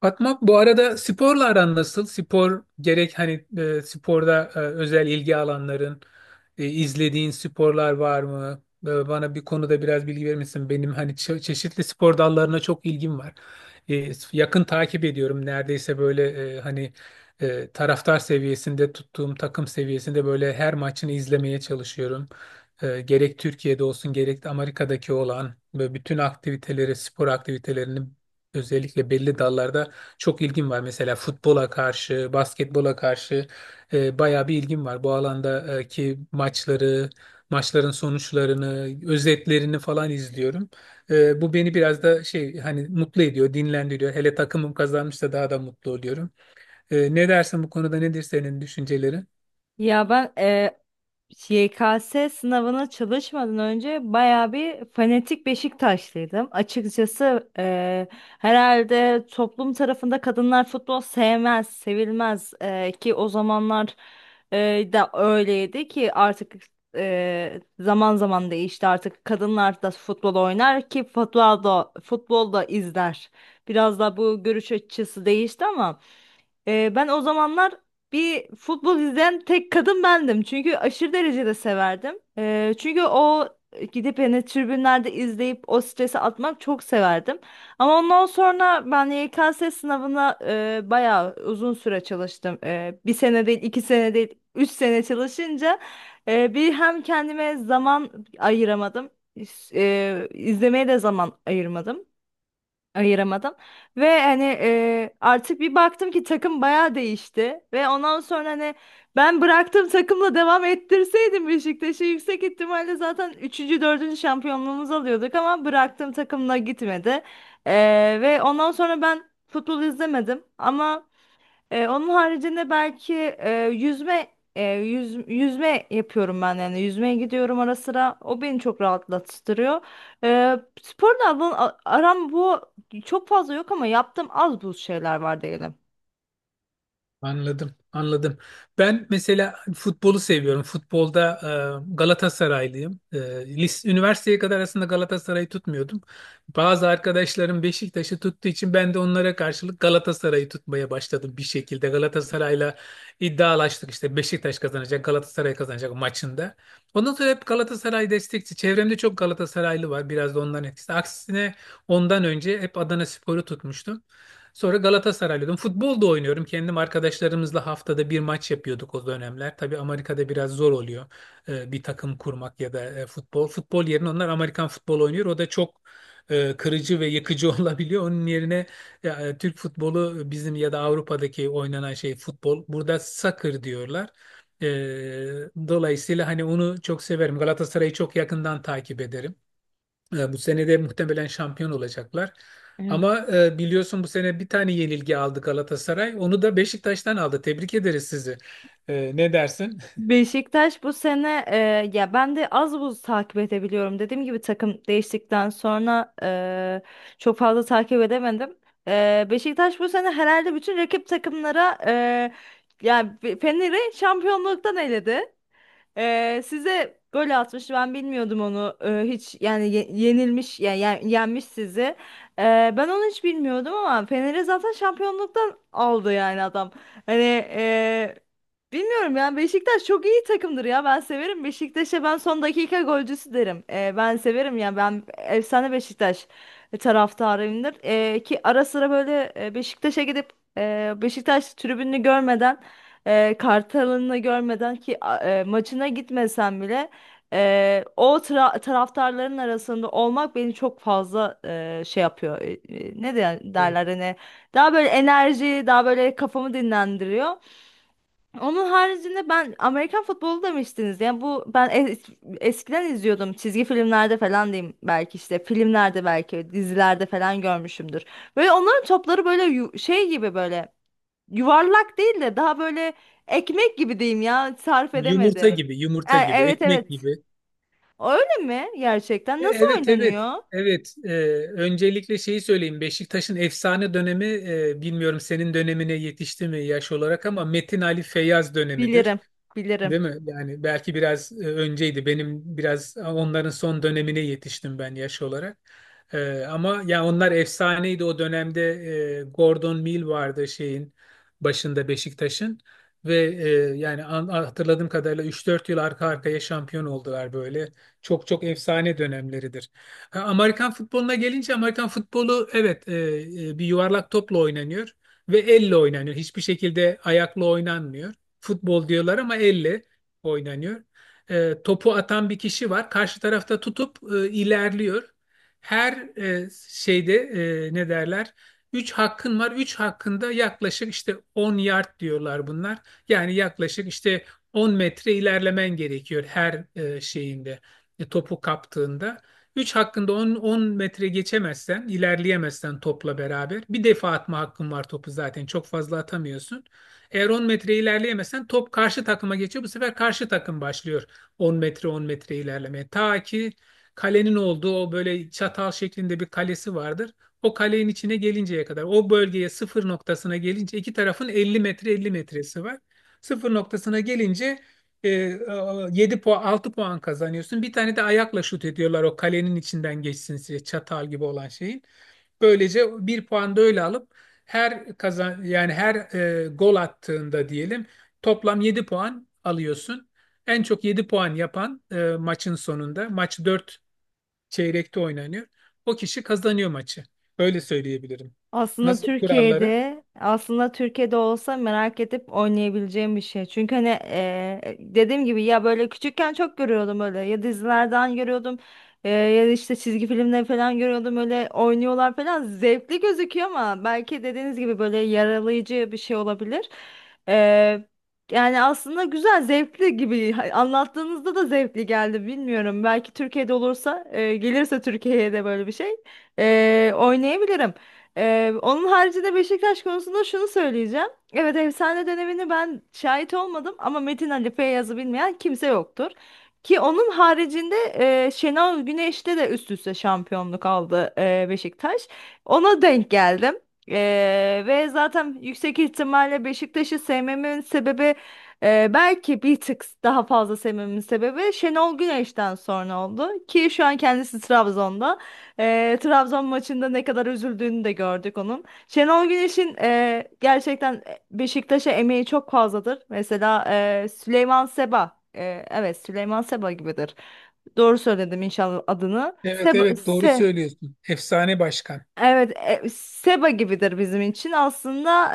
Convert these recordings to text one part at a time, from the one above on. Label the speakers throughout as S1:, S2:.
S1: Fatma bu arada sporla aran nasıl? Spor gerek hani sporda özel ilgi alanların, izlediğin sporlar var mı? Bana bir konuda biraz bilgi verir misin? Benim hani çeşitli spor dallarına çok ilgim var. Yakın takip ediyorum. Neredeyse böyle hani taraftar seviyesinde tuttuğum takım seviyesinde böyle her maçını izlemeye çalışıyorum. Gerek Türkiye'de olsun gerek de Amerika'daki olan ve bütün aktiviteleri, spor aktivitelerini özellikle belli dallarda çok ilgim var mesela futbola karşı, basketbola karşı bayağı bir ilgim var. Bu alandaki maçları, maçların sonuçlarını, özetlerini falan izliyorum. Bu beni biraz da şey hani mutlu ediyor, dinlendiriyor. Hele takımım kazanmışsa daha da mutlu oluyorum. Ne dersin bu konuda nedir senin düşüncelerin?
S2: Ya ben YKS sınavına çalışmadan önce bayağı bir fanatik Beşiktaşlıydım. Açıkçası herhalde toplum tarafında kadınlar futbol sevmez, sevilmez. Ki o zamanlar da öyleydi ki artık zaman zaman değişti. Artık kadınlar da futbol oynar ki futbol da izler. Biraz da bu görüş açısı değişti ama. Ben o zamanlar bir futbol izleyen tek kadın bendim. Çünkü aşırı derecede severdim. Çünkü o gidip yani tribünlerde izleyip o stresi atmak çok severdim. Ama ondan sonra ben YKS sınavına bayağı uzun süre çalıştım. Bir sene değil, iki sene değil, üç sene çalışınca bir hem kendime zaman ayıramadım. E, izlemeye de zaman ayırmadım ayıramadım. Ve hani artık bir baktım ki takım bayağı değişti. Ve ondan sonra hani ben bıraktığım takımla devam ettirseydim Beşiktaş'ı yüksek ihtimalle zaten üçüncü dördüncü şampiyonluğumuzu alıyorduk ama bıraktığım takımla gitmedi. E, ve ondan sonra ben futbol izlemedim ama onun haricinde belki yüzme yapıyorum, ben yani yüzmeye gidiyorum ara sıra, o beni çok rahatlattırıyor. Ee, sporla aram bu çok fazla yok ama yaptığım az buz şeyler var diyelim.
S1: Anladım, anladım. Ben mesela futbolu seviyorum. Futbolda Galatasaraylıyım. Üniversiteye kadar aslında Galatasaray'ı tutmuyordum. Bazı arkadaşlarım Beşiktaş'ı tuttuğu için ben de onlara karşılık Galatasaray'ı tutmaya başladım bir şekilde. Galatasaray'la iddialaştık işte Beşiktaş kazanacak, Galatasaray kazanacak maçında. Ondan sonra hep Galatasaray destekçi. Çevremde çok Galatasaraylı var. Biraz da onların etkisi. Aksine ondan önce hep Adanaspor'u tutmuştum. Sonra Galatasaraylıydım. Futbol da oynuyorum. Kendim arkadaşlarımızla haftada bir maç yapıyorduk o dönemler. Tabii Amerika'da biraz zor oluyor bir takım kurmak ya da futbol. Futbol yerine onlar Amerikan futbolu oynuyor. O da çok kırıcı ve yıkıcı olabiliyor. Onun yerine Türk futbolu bizim ya da Avrupa'daki oynanan şey futbol. Burada soccer diyorlar. E, Dolayısıyla hani onu çok severim. Galatasaray'ı çok yakından takip ederim. Bu sene de muhtemelen şampiyon olacaklar. Ama biliyorsun bu sene bir tane yenilgi aldı Galatasaray. Onu da Beşiktaş'tan aldı. Tebrik ederiz sizi. Ne dersin?
S2: Beşiktaş bu sene, ya ben de az buz takip edebiliyorum. Dediğim gibi takım değiştikten sonra çok fazla takip edemedim. Beşiktaş bu sene herhalde bütün rakip takımlara, yani Fener'i şampiyonluktan eledi. Size gol atmış, ben bilmiyordum onu. Hiç yani yenilmiş, yani yenmiş sizi. Ben onu hiç bilmiyordum ama Fener'i zaten şampiyonluktan aldı yani adam. Hani, e, bilmiyorum yani, Beşiktaş çok iyi takımdır ya. Ben severim. Beşiktaş'a ben son dakika golcüsü derim. Ben severim yani. Ben efsane Beşiktaş taraftarıyımdır, ki ara sıra böyle Beşiktaş'a gidip Beşiktaş tribününü görmeden, Kartal'ını görmeden, ki maçına gitmesem bile o taraftarların arasında olmak beni çok fazla şey yapıyor. Ne derler
S1: E,
S2: hani, daha böyle enerji, daha böyle kafamı dinlendiriyor. Onun haricinde ben Amerikan futbolu demiştiniz. Yani bu, ben eskiden izliyordum. Çizgi filmlerde falan diyeyim, belki işte filmlerde, belki dizilerde falan görmüşümdür. Böyle onların topları böyle şey gibi, böyle yuvarlak değil de daha böyle ekmek gibi diyeyim ya. Sarf
S1: Yumurta
S2: edemedim.
S1: gibi,
S2: E,
S1: yumurta gibi,
S2: evet
S1: ekmek
S2: evet.
S1: gibi.
S2: Öyle mi gerçekten? Nasıl
S1: Evet, evet.
S2: oynanıyor?
S1: Evet, öncelikle şeyi söyleyeyim. Beşiktaş'ın efsane dönemi, bilmiyorum senin dönemine yetişti mi yaş olarak ama Metin Ali Feyyaz dönemidir.
S2: Bilirim. Bilirim.
S1: Değil mi? Yani belki biraz önceydi. Benim biraz onların son dönemine yetiştim ben yaş olarak. Ama ya onlar efsaneydi o dönemde. Gordon Mill vardı şeyin başında Beşiktaş'ın ve yani hatırladığım kadarıyla 3-4 yıl arka arkaya şampiyon oldular böyle. Çok çok efsane dönemleridir. Ha, Amerikan futboluna gelince Amerikan futbolu evet bir yuvarlak topla oynanıyor ve elle oynanıyor. Hiçbir şekilde ayakla oynanmıyor. Futbol diyorlar ama elle oynanıyor. Topu atan bir kişi var. Karşı tarafta tutup ilerliyor. Her şeyde ne derler? 3 hakkın var. 3 hakkında yaklaşık işte 10 yard diyorlar bunlar. Yani yaklaşık işte 10 metre ilerlemen gerekiyor her şeyinde. Topu kaptığında. 3 hakkında 10, 10 metre geçemezsen, ilerleyemezsen topla beraber. Bir defa atma hakkın var topu zaten. Çok fazla atamıyorsun. Eğer 10 metre ilerleyemezsen top karşı takıma geçiyor. Bu sefer karşı takım başlıyor 10 metre 10 metre ilerlemeye. Ta ki kalenin olduğu o böyle çatal şeklinde bir kalesi vardır. O kalenin içine gelinceye kadar o bölgeye sıfır noktasına gelince iki tarafın 50 metre 50 metresi var. Sıfır noktasına gelince 7 puan 6 puan kazanıyorsun. Bir tane de ayakla şut ediyorlar o kalenin içinden geçsin diye çatal gibi olan şeyin. Böylece bir puan da öyle alıp her kazan yani her gol attığında diyelim toplam 7 puan alıyorsun. En çok 7 puan yapan maçın sonunda maç 4 çeyrekte oynanıyor. O kişi kazanıyor maçı. Öyle söyleyebilirim.
S2: Aslında
S1: Nasıl kuralları?
S2: Türkiye'de aslında Türkiye'de olsa merak edip oynayabileceğim bir şey. Çünkü hani dediğim gibi, ya böyle küçükken çok görüyordum, öyle, ya dizilerden görüyordum, ya da işte çizgi filmler falan görüyordum, öyle oynuyorlar falan, zevkli gözüküyor ama belki dediğiniz gibi böyle yaralayıcı bir şey olabilir. Eee, yani aslında güzel, zevkli gibi. Anlattığınızda da zevkli geldi, bilmiyorum. Belki Türkiye'de olursa, gelirse Türkiye'ye de böyle bir şey, oynayabilirim. Onun haricinde Beşiktaş konusunda şunu söyleyeceğim. Evet, efsane dönemini ben şahit olmadım ama Metin Ali Feyyaz'ı bilmeyen kimse yoktur. Ki onun haricinde Şenol Güneş'te de üst üste şampiyonluk aldı Beşiktaş. Ona denk geldim. E, ve zaten yüksek ihtimalle Beşiktaş'ı sevmemin sebebi, belki bir tık daha fazla sevmemin sebebi, Şenol Güneş'ten sonra oldu. Ki şu an kendisi Trabzon'da. Trabzon maçında ne kadar üzüldüğünü de gördük onun. Şenol Güneş'in gerçekten Beşiktaş'a emeği çok fazladır. Mesela Süleyman Seba, evet, Süleyman Seba gibidir. Doğru söyledim inşallah adını.
S1: Evet
S2: Seba.
S1: evet doğru söylüyorsun. Efsane başkan.
S2: Evet, Seba gibidir bizim için aslında.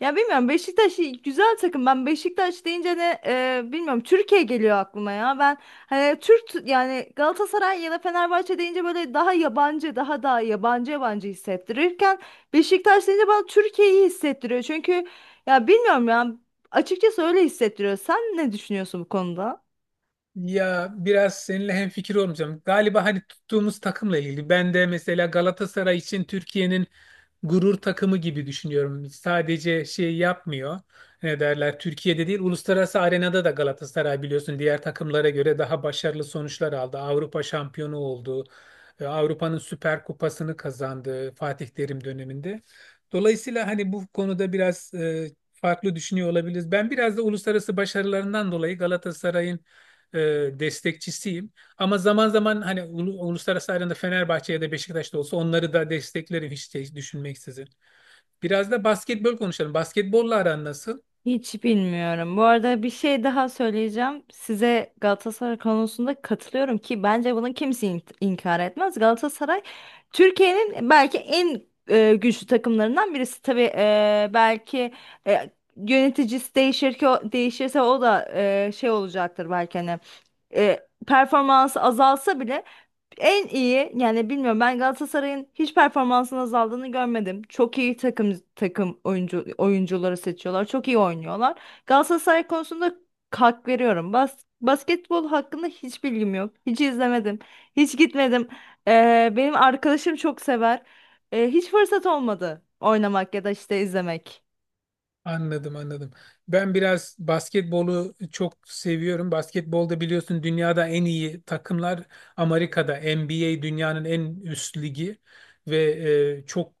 S2: Ya bilmiyorum, Beşiktaş güzel takım. Ben Beşiktaş deyince de bilmiyorum, Türkiye geliyor aklıma ya. Ben hani Türk, yani Galatasaray ya da Fenerbahçe deyince böyle daha yabancı, daha yabancı yabancı hissettirirken, Beşiktaş deyince bana Türkiye'yi hissettiriyor. Çünkü ya bilmiyorum ya, açıkçası öyle hissettiriyor. Sen ne düşünüyorsun bu konuda?
S1: Ya biraz seninle hemfikir olmayacağım. Galiba hani tuttuğumuz takımla ilgili. Ben de mesela Galatasaray için Türkiye'nin gurur takımı gibi düşünüyorum. Sadece şey yapmıyor. Ne derler? Türkiye'de değil, uluslararası arenada da Galatasaray biliyorsun diğer takımlara göre daha başarılı sonuçlar aldı. Avrupa şampiyonu oldu. Avrupa'nın Süper Kupası'nı kazandı Fatih Terim döneminde. Dolayısıyla hani bu konuda biraz farklı düşünüyor olabiliriz. Ben biraz da uluslararası başarılarından dolayı Galatasaray'ın e, destekçisiyim. Ama zaman zaman hani uluslararası arenada Fenerbahçe ya da Beşiktaş'ta olsa onları da desteklerim hiç şey düşünmeksizin. Biraz da basketbol konuşalım. Basketbolla aran nasıl?
S2: Hiç bilmiyorum. Bu arada bir şey daha söyleyeceğim. Size Galatasaray konusunda katılıyorum ki bence bunu kimse inkar etmez. Galatasaray Türkiye'nin belki en güçlü takımlarından birisi. Tabii belki e, yöneticisi değişir, ki o, değişirse o da şey olacaktır belki, hani e, performansı azalsa bile en iyi, yani bilmiyorum, ben Galatasaray'ın hiç performansının azaldığını görmedim. Çok iyi takım takım oyuncu oyuncuları seçiyorlar. Çok iyi oynuyorlar. Galatasaray konusunda hak veriyorum. Basketbol hakkında hiç bilgim yok. Hiç izlemedim. Hiç gitmedim. Benim arkadaşım çok sever. Hiç fırsat olmadı oynamak ya da işte izlemek.
S1: Anladım anladım. Ben biraz basketbolu çok seviyorum. Basketbolda biliyorsun dünyada en iyi takımlar Amerika'da. NBA dünyanın en üst ligi ve çok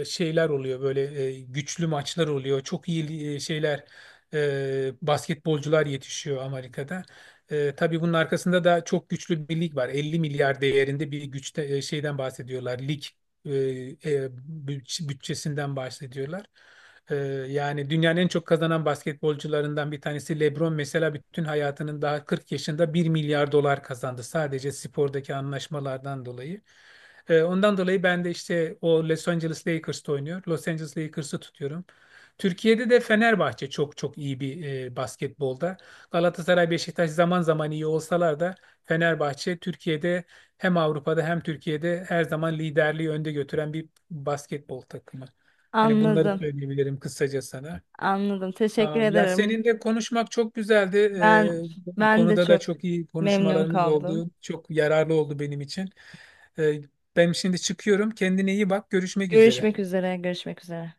S1: şeyler oluyor böyle güçlü maçlar oluyor. Çok iyi şeyler basketbolcular yetişiyor Amerika'da. Tabii bunun arkasında da çok güçlü bir lig var. 50 milyar değerinde bir güçte şeyden bahsediyorlar. Lig e, e, bütçesinden bahsediyorlar. Ee, Yani dünyanın en çok kazanan basketbolcularından bir tanesi LeBron mesela bütün hayatının daha 40 yaşında 1 milyar dolar kazandı sadece spordaki anlaşmalardan dolayı. Ondan dolayı ben de işte o Los Angeles Lakers'ta oynuyor. Los Angeles Lakers'ı tutuyorum. Türkiye'de de Fenerbahçe çok çok iyi bir basketbolda. Galatasaray, Beşiktaş zaman zaman iyi olsalar da Fenerbahçe Türkiye'de hem Avrupa'da hem Türkiye'de her zaman liderliği önde götüren bir basketbol takımı. Hani bunları
S2: Anladım.
S1: söyleyebilirim kısaca sana.
S2: Anladım. Teşekkür
S1: Tamam. Ya
S2: ederim.
S1: seninle konuşmak çok güzeldi.
S2: Ben
S1: Bu
S2: ben de
S1: konuda da
S2: çok
S1: çok iyi
S2: memnun
S1: konuşmalarımız
S2: kaldım.
S1: oldu. Çok yararlı oldu benim için. Ee, Ben şimdi çıkıyorum. Kendine iyi bak. Görüşmek üzere.
S2: Görüşmek üzere. Görüşmek üzere.